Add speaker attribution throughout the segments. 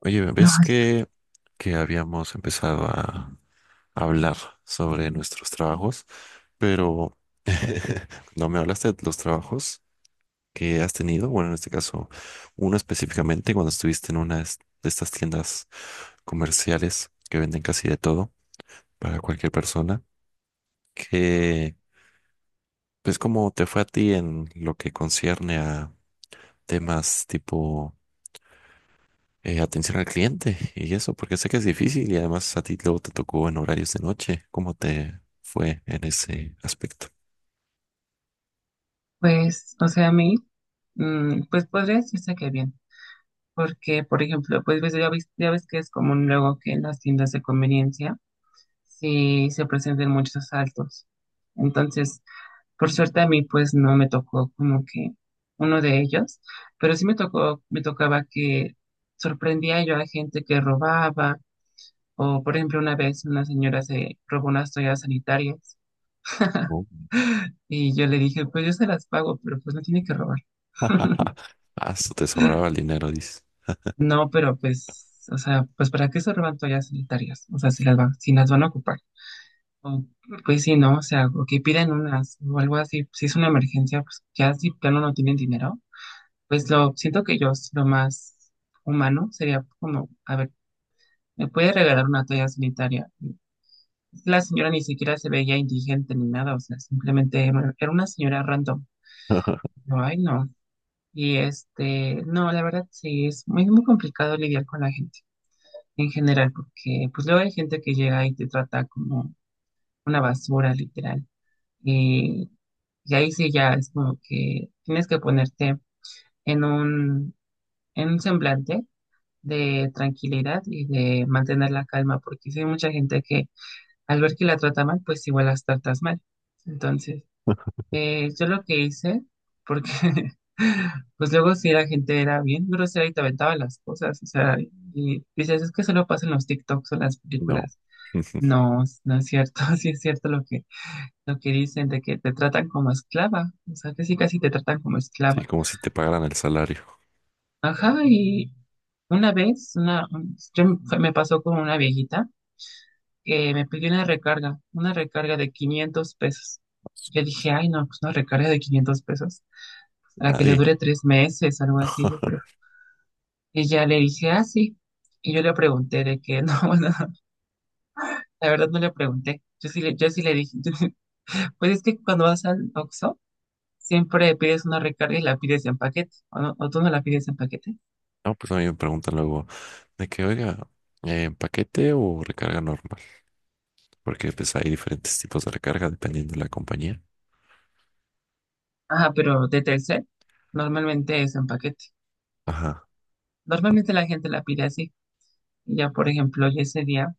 Speaker 1: Oye,
Speaker 2: No,
Speaker 1: ¿ves que habíamos empezado a hablar sobre nuestros trabajos? Pero no me hablaste de los trabajos que has tenido. Bueno, en este caso, uno específicamente cuando estuviste en una de de estas tiendas comerciales que venden casi de todo para cualquier persona. Que, pues, ¿cómo te fue a ti en lo que concierne a temas tipo, atención al cliente y eso, porque sé que es difícil y además a ti luego te tocó en horarios de noche. ¿Cómo te fue en ese aspecto?
Speaker 2: pues, o sea, a mí, pues podría decirse que bien, porque, por ejemplo, pues ya ves que es común luego que en las tiendas de conveniencia sí se presenten muchos asaltos. Entonces, por suerte a mí, pues no me tocó como que uno de ellos, pero sí me tocaba que sorprendía yo a gente que robaba, o por ejemplo, una vez una señora se robó unas toallas sanitarias
Speaker 1: Oh.
Speaker 2: y yo le dije, pues yo se las pago, pero pues no tiene que robar.
Speaker 1: Ah, eso te sobraba el dinero, dices.
Speaker 2: No, pero pues, o sea, pues ¿para qué se roban toallas sanitarias? O sea, si las van a ocupar. O, pues sí, ¿no? O sea, o que piden unas o algo así. Pues, si es una emergencia, pues ya si plano no tienen dinero, pues lo siento que yo es lo más humano sería como, a ver, ¿me puede regalar una toalla sanitaria? La señora ni siquiera se veía indigente ni nada, o sea, simplemente era una señora random. Yo, ay, no. Y este, no, la verdad sí, es muy, muy complicado lidiar con la gente en general, porque pues luego hay gente que llega y te trata como una basura, literal. Y, y ahí sí ya es como que tienes que ponerte en un, en un semblante de tranquilidad y de mantener la calma, porque sí hay mucha gente que al ver que la trata mal, pues igual las tratas mal. Entonces, yo lo que hice, porque pues luego si la gente era bien grosera y te aventaba las cosas, o sea, y dices, es que solo pasan los TikToks o las
Speaker 1: No.
Speaker 2: películas. No, no es cierto, sí es cierto lo que dicen de que te tratan como esclava, o sea, que sí casi te tratan como
Speaker 1: Sí,
Speaker 2: esclava.
Speaker 1: como si te pagaran el salario.
Speaker 2: Ajá, y una vez, una, un- yo me fue- me pasó con una viejita que me pidió una recarga de 500 pesos. Yo dije, ay, no, pues una recarga de 500 pesos, para que le
Speaker 1: Nadie.
Speaker 2: dure 3 meses, algo así, yo creo. Y ya le dije, ah, sí. Y yo le pregunté de que, no, bueno, la verdad no le pregunté. Yo sí le dije, pues es que cuando vas al OXXO, siempre pides una recarga y la pides en paquete, o, o tú no la pides en paquete.
Speaker 1: No, pues a mí me preguntan luego de que, oiga, ¿paquete o recarga normal? Porque pues hay diferentes tipos de recarga dependiendo de la compañía.
Speaker 2: Ajá, pero de Telcel normalmente es en paquete.
Speaker 1: Ajá.
Speaker 2: Normalmente la gente la pide así. Y ya, por ejemplo, yo ese día,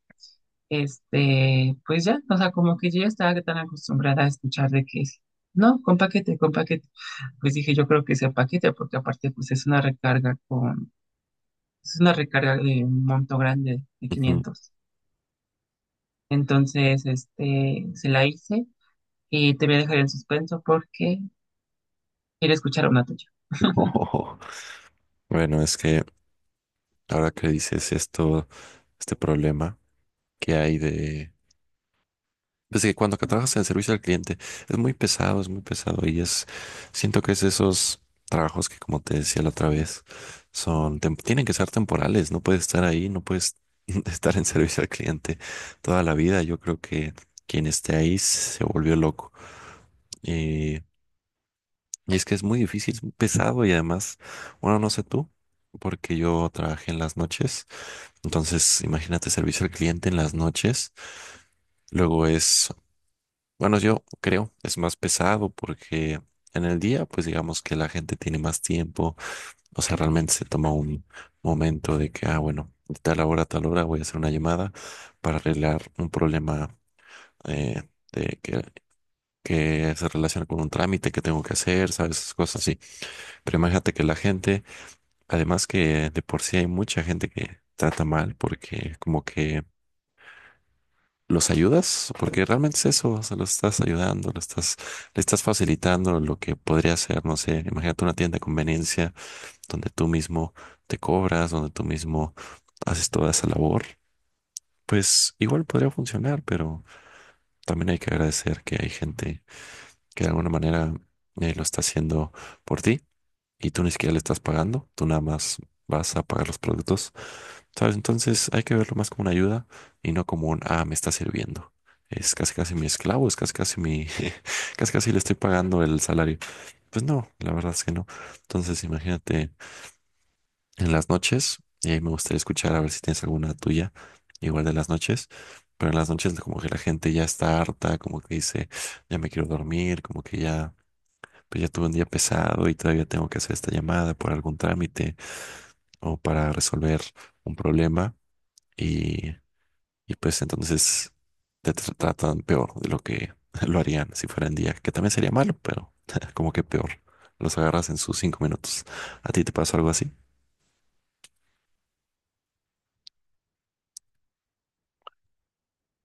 Speaker 2: este, pues ya, o sea, como que yo ya estaba tan acostumbrada a escuchar de que es, no, con paquete, con paquete. Pues dije, yo creo que es en paquete, porque aparte, pues es una recarga con, es una recarga de un monto grande, de
Speaker 1: Ujú.
Speaker 2: 500. Entonces, este, se la hice y te voy a dejar en suspenso porque quiero escuchar una tuya.
Speaker 1: Bueno, es que, ahora que dices esto, este problema que hay de. Pues que cuando que trabajas en servicio al cliente es muy pesado y es. Siento que es esos trabajos que, como te decía la otra vez, son. Tienen que ser temporales, no puedes estar ahí, no puedes estar en servicio al cliente toda la vida. Yo creo que quien esté ahí se volvió loco. Y, y es que es muy difícil, es muy pesado y además, bueno, no sé tú, porque yo trabajé en las noches. Entonces, imagínate servicio al cliente en las noches. Luego es, bueno, yo creo es más pesado porque en el día, pues digamos que la gente tiene más tiempo. O sea, realmente se toma un momento de que, ah, bueno, de tal hora a tal hora voy a hacer una llamada para arreglar un problema, eh, de que, se relaciona con un trámite que tengo que hacer, ¿sabes? Esas cosas así. Pero imagínate que la gente, además que de por sí hay mucha gente que trata mal porque como que los ayudas, porque realmente es eso, o sea, lo estás ayudando, lo estás, le estás facilitando lo que podría ser, no sé, imagínate una tienda de conveniencia donde tú mismo te cobras, donde tú mismo haces toda esa labor, pues igual podría funcionar, pero también hay que agradecer que hay gente que de alguna manera, lo está haciendo por ti y tú ni siquiera le estás pagando, tú nada más vas a pagar los productos. ¿Sabes? Entonces hay que verlo más como una ayuda y no como un, ah, me está sirviendo. Es casi casi mi esclavo, es casi casi mi, casi casi le estoy pagando el salario. Pues no, la verdad es que no. Entonces imagínate en las noches, y ahí me gustaría escuchar a ver si tienes alguna tuya, igual de las noches, pero en las noches como que la gente ya está harta, como que dice, ya me quiero dormir, como que ya, pues ya tuve un día pesado y todavía tengo que hacer esta llamada por algún trámite o para resolver un problema. Y Y pues entonces te tratan peor de lo que lo harían si fueran día, que también sería malo, pero como que peor. Los agarras en sus 5 minutos. ¿A ti te pasó algo así?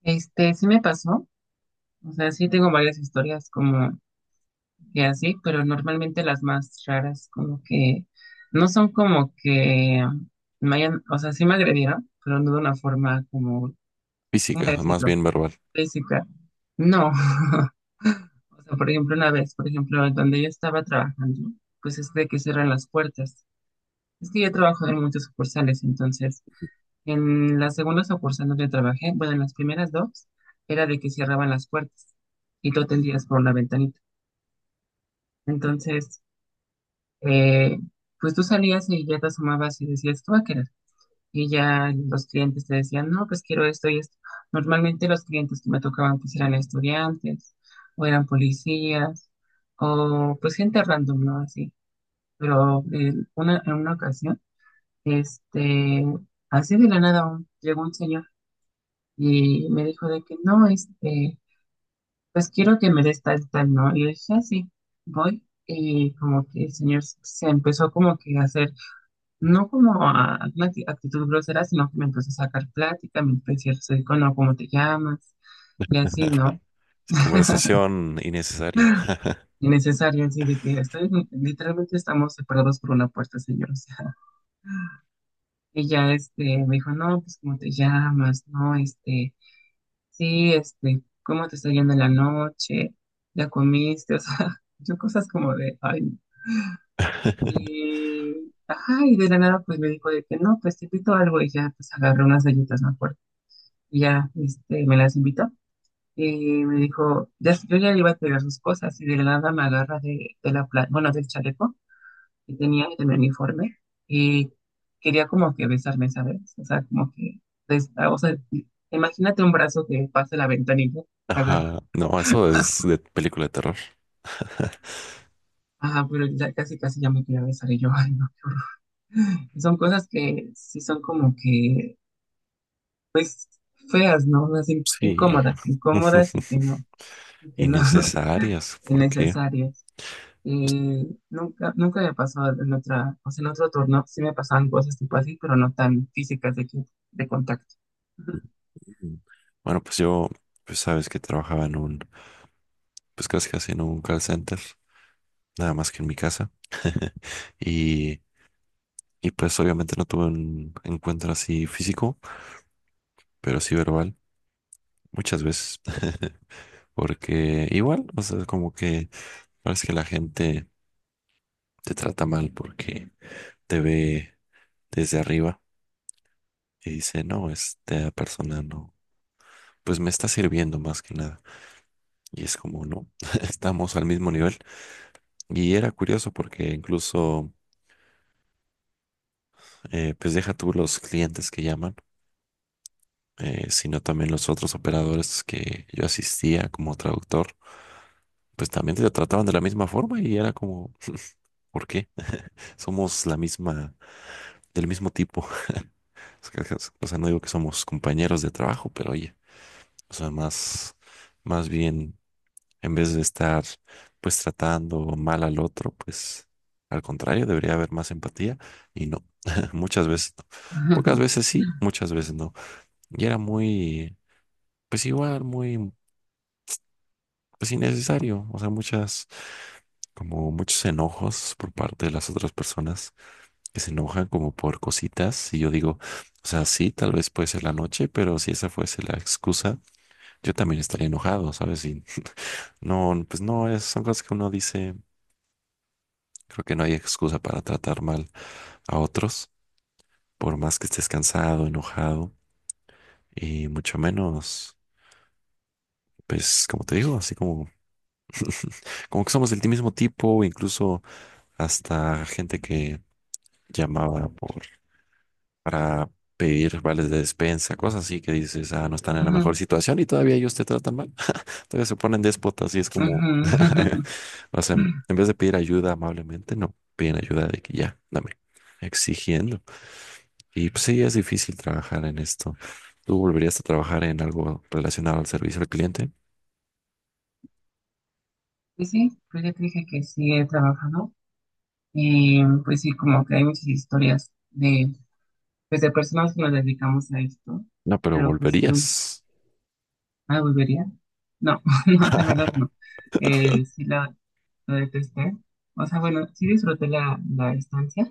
Speaker 2: Este, sí me pasó, o sea, sí tengo varias historias como que así, pero normalmente las más raras como que no son como que me hayan, o sea, sí me agredieron, pero no de una forma como, ¿cómo
Speaker 1: Física, más
Speaker 2: decirlo?
Speaker 1: bien verbal.
Speaker 2: Física. No, o sea, por ejemplo, una vez, por ejemplo, donde yo estaba trabajando, pues es de que cierran las puertas. Es que yo trabajo en muchas sucursales, entonces en las segundas sucursal donde trabajé, bueno, en las primeras dos, era de que cerraban las puertas y tú te atendías por la ventanita. Entonces, eh, pues tú salías y ya te asomabas y decías, ¿tú a querer? Y ya los clientes te decían, no, pues quiero esto y esto. Normalmente los clientes que me tocaban pues eran estudiantes o eran policías o pues gente random, ¿no? Así. Pero una, en una ocasión, este, así de la nada, llegó un señor y me dijo de que no, este, pues quiero que me des tal, tal, ¿no? Y yo dije, así, voy. Y como que el señor se empezó como que a hacer, no como a una actitud grosera, sino que me empezó a sacar plática, me empezó a decir, no, ¿cómo te llamas? Y así, ¿no?
Speaker 1: Sí, conversación innecesaria.
Speaker 2: Innecesario, así de que estoy, literalmente estamos separados por una puerta, señor. O sea, y ya este, me dijo, no, pues, ¿cómo te llamas? No, este, sí, este, ¿cómo te está yendo en la noche? ¿Ya comiste? O sea, yo cosas como de, ay, y, ajá, y de la nada pues me dijo de que no, pues te invito a algo y ya pues agarré unas galletas, me acuerdo. Y ya, este, me las invitó y me dijo, ya, yo ya iba a pegar sus cosas y de la nada me agarra de la, bueno, del chaleco que tenía y de mi uniforme y quería como que besarme, ¿sabes? O sea, como que, o sea, imagínate un brazo que pase la ventanilla, te agarra.
Speaker 1: Ajá. No, eso es de película de terror.
Speaker 2: Ajá, pero ya casi casi ya me quería besar y yo, ay, no. Y son cosas que sí son como que feas, ¿no? Unas
Speaker 1: Sí.
Speaker 2: incómodas, incómodas y que no,
Speaker 1: Innecesarias. ¿Por qué?
Speaker 2: innecesarias. Nunca, nunca me pasó en otra, o sea, en otro turno sí me pasaban cosas tipo así, pero no tan físicas de, de contacto.
Speaker 1: Mm. Bueno, pues yo, pues sabes que trabajaba en un, pues casi casi en un call center, nada más que en mi casa. Y Y pues obviamente no tuve un encuentro así físico, pero sí verbal, muchas veces. Porque igual, o sea, como que parece que la gente te trata mal porque te ve desde arriba y dice, no, esta persona no, pues me está sirviendo más que nada. Y es como, no, estamos al mismo nivel. Y era curioso porque incluso, pues deja tú los clientes que llaman, sino también los otros operadores que yo asistía como traductor pues también te trataban de la misma forma y era como, ¿por qué? Somos la misma, del mismo tipo. Es que, o sea, no digo que somos compañeros de trabajo, pero oye, o sea, más bien, en vez de estar pues tratando mal al otro, pues al contrario, debería haber más empatía y no, muchas veces no. Pocas veces sí, muchas veces no. Y era muy, pues igual, muy, pues innecesario, o sea, muchas, como muchos enojos por parte de las otras personas que se enojan como por cositas. Y yo digo, o sea, sí, tal vez puede ser la noche, pero si esa fuese la excusa, yo también estaría enojado, ¿sabes? Y no, pues no, son cosas que uno dice, creo que no hay excusa para tratar mal a otros, por más que estés cansado, enojado, y mucho menos, pues como te digo, así como que somos del mismo tipo, incluso hasta gente que llamaba por, para pedir vales de despensa, cosas así que dices, ah, no están en la mejor
Speaker 2: Ujú,
Speaker 1: situación y todavía ellos te tratan mal. Entonces se ponen déspotas y es como,
Speaker 2: ujú.
Speaker 1: o sea, en vez de pedir ayuda amablemente, no, piden ayuda de que ya, dame, exigiendo. Y pues sí, es difícil trabajar en esto. ¿Tú volverías a trabajar en algo relacionado al servicio al cliente?
Speaker 2: Pues sí, pues ya te dije que sí he trabajado. Y pues sí, como que hay muchas historias de pues de personas que nos dedicamos a esto,
Speaker 1: No, pero
Speaker 2: pero pues sí, no,
Speaker 1: volverías.
Speaker 2: ¿la volvería? No, no, la verdad no. Sí la detesté. O sea, bueno, sí disfruté la estancia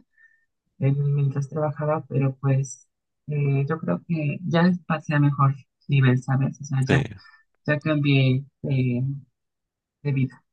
Speaker 2: mientras trabajaba, pero pues yo creo que ya pasé a mejor nivel, ¿sabes? O sea,
Speaker 1: Sí.
Speaker 2: ya, ya cambié de vida.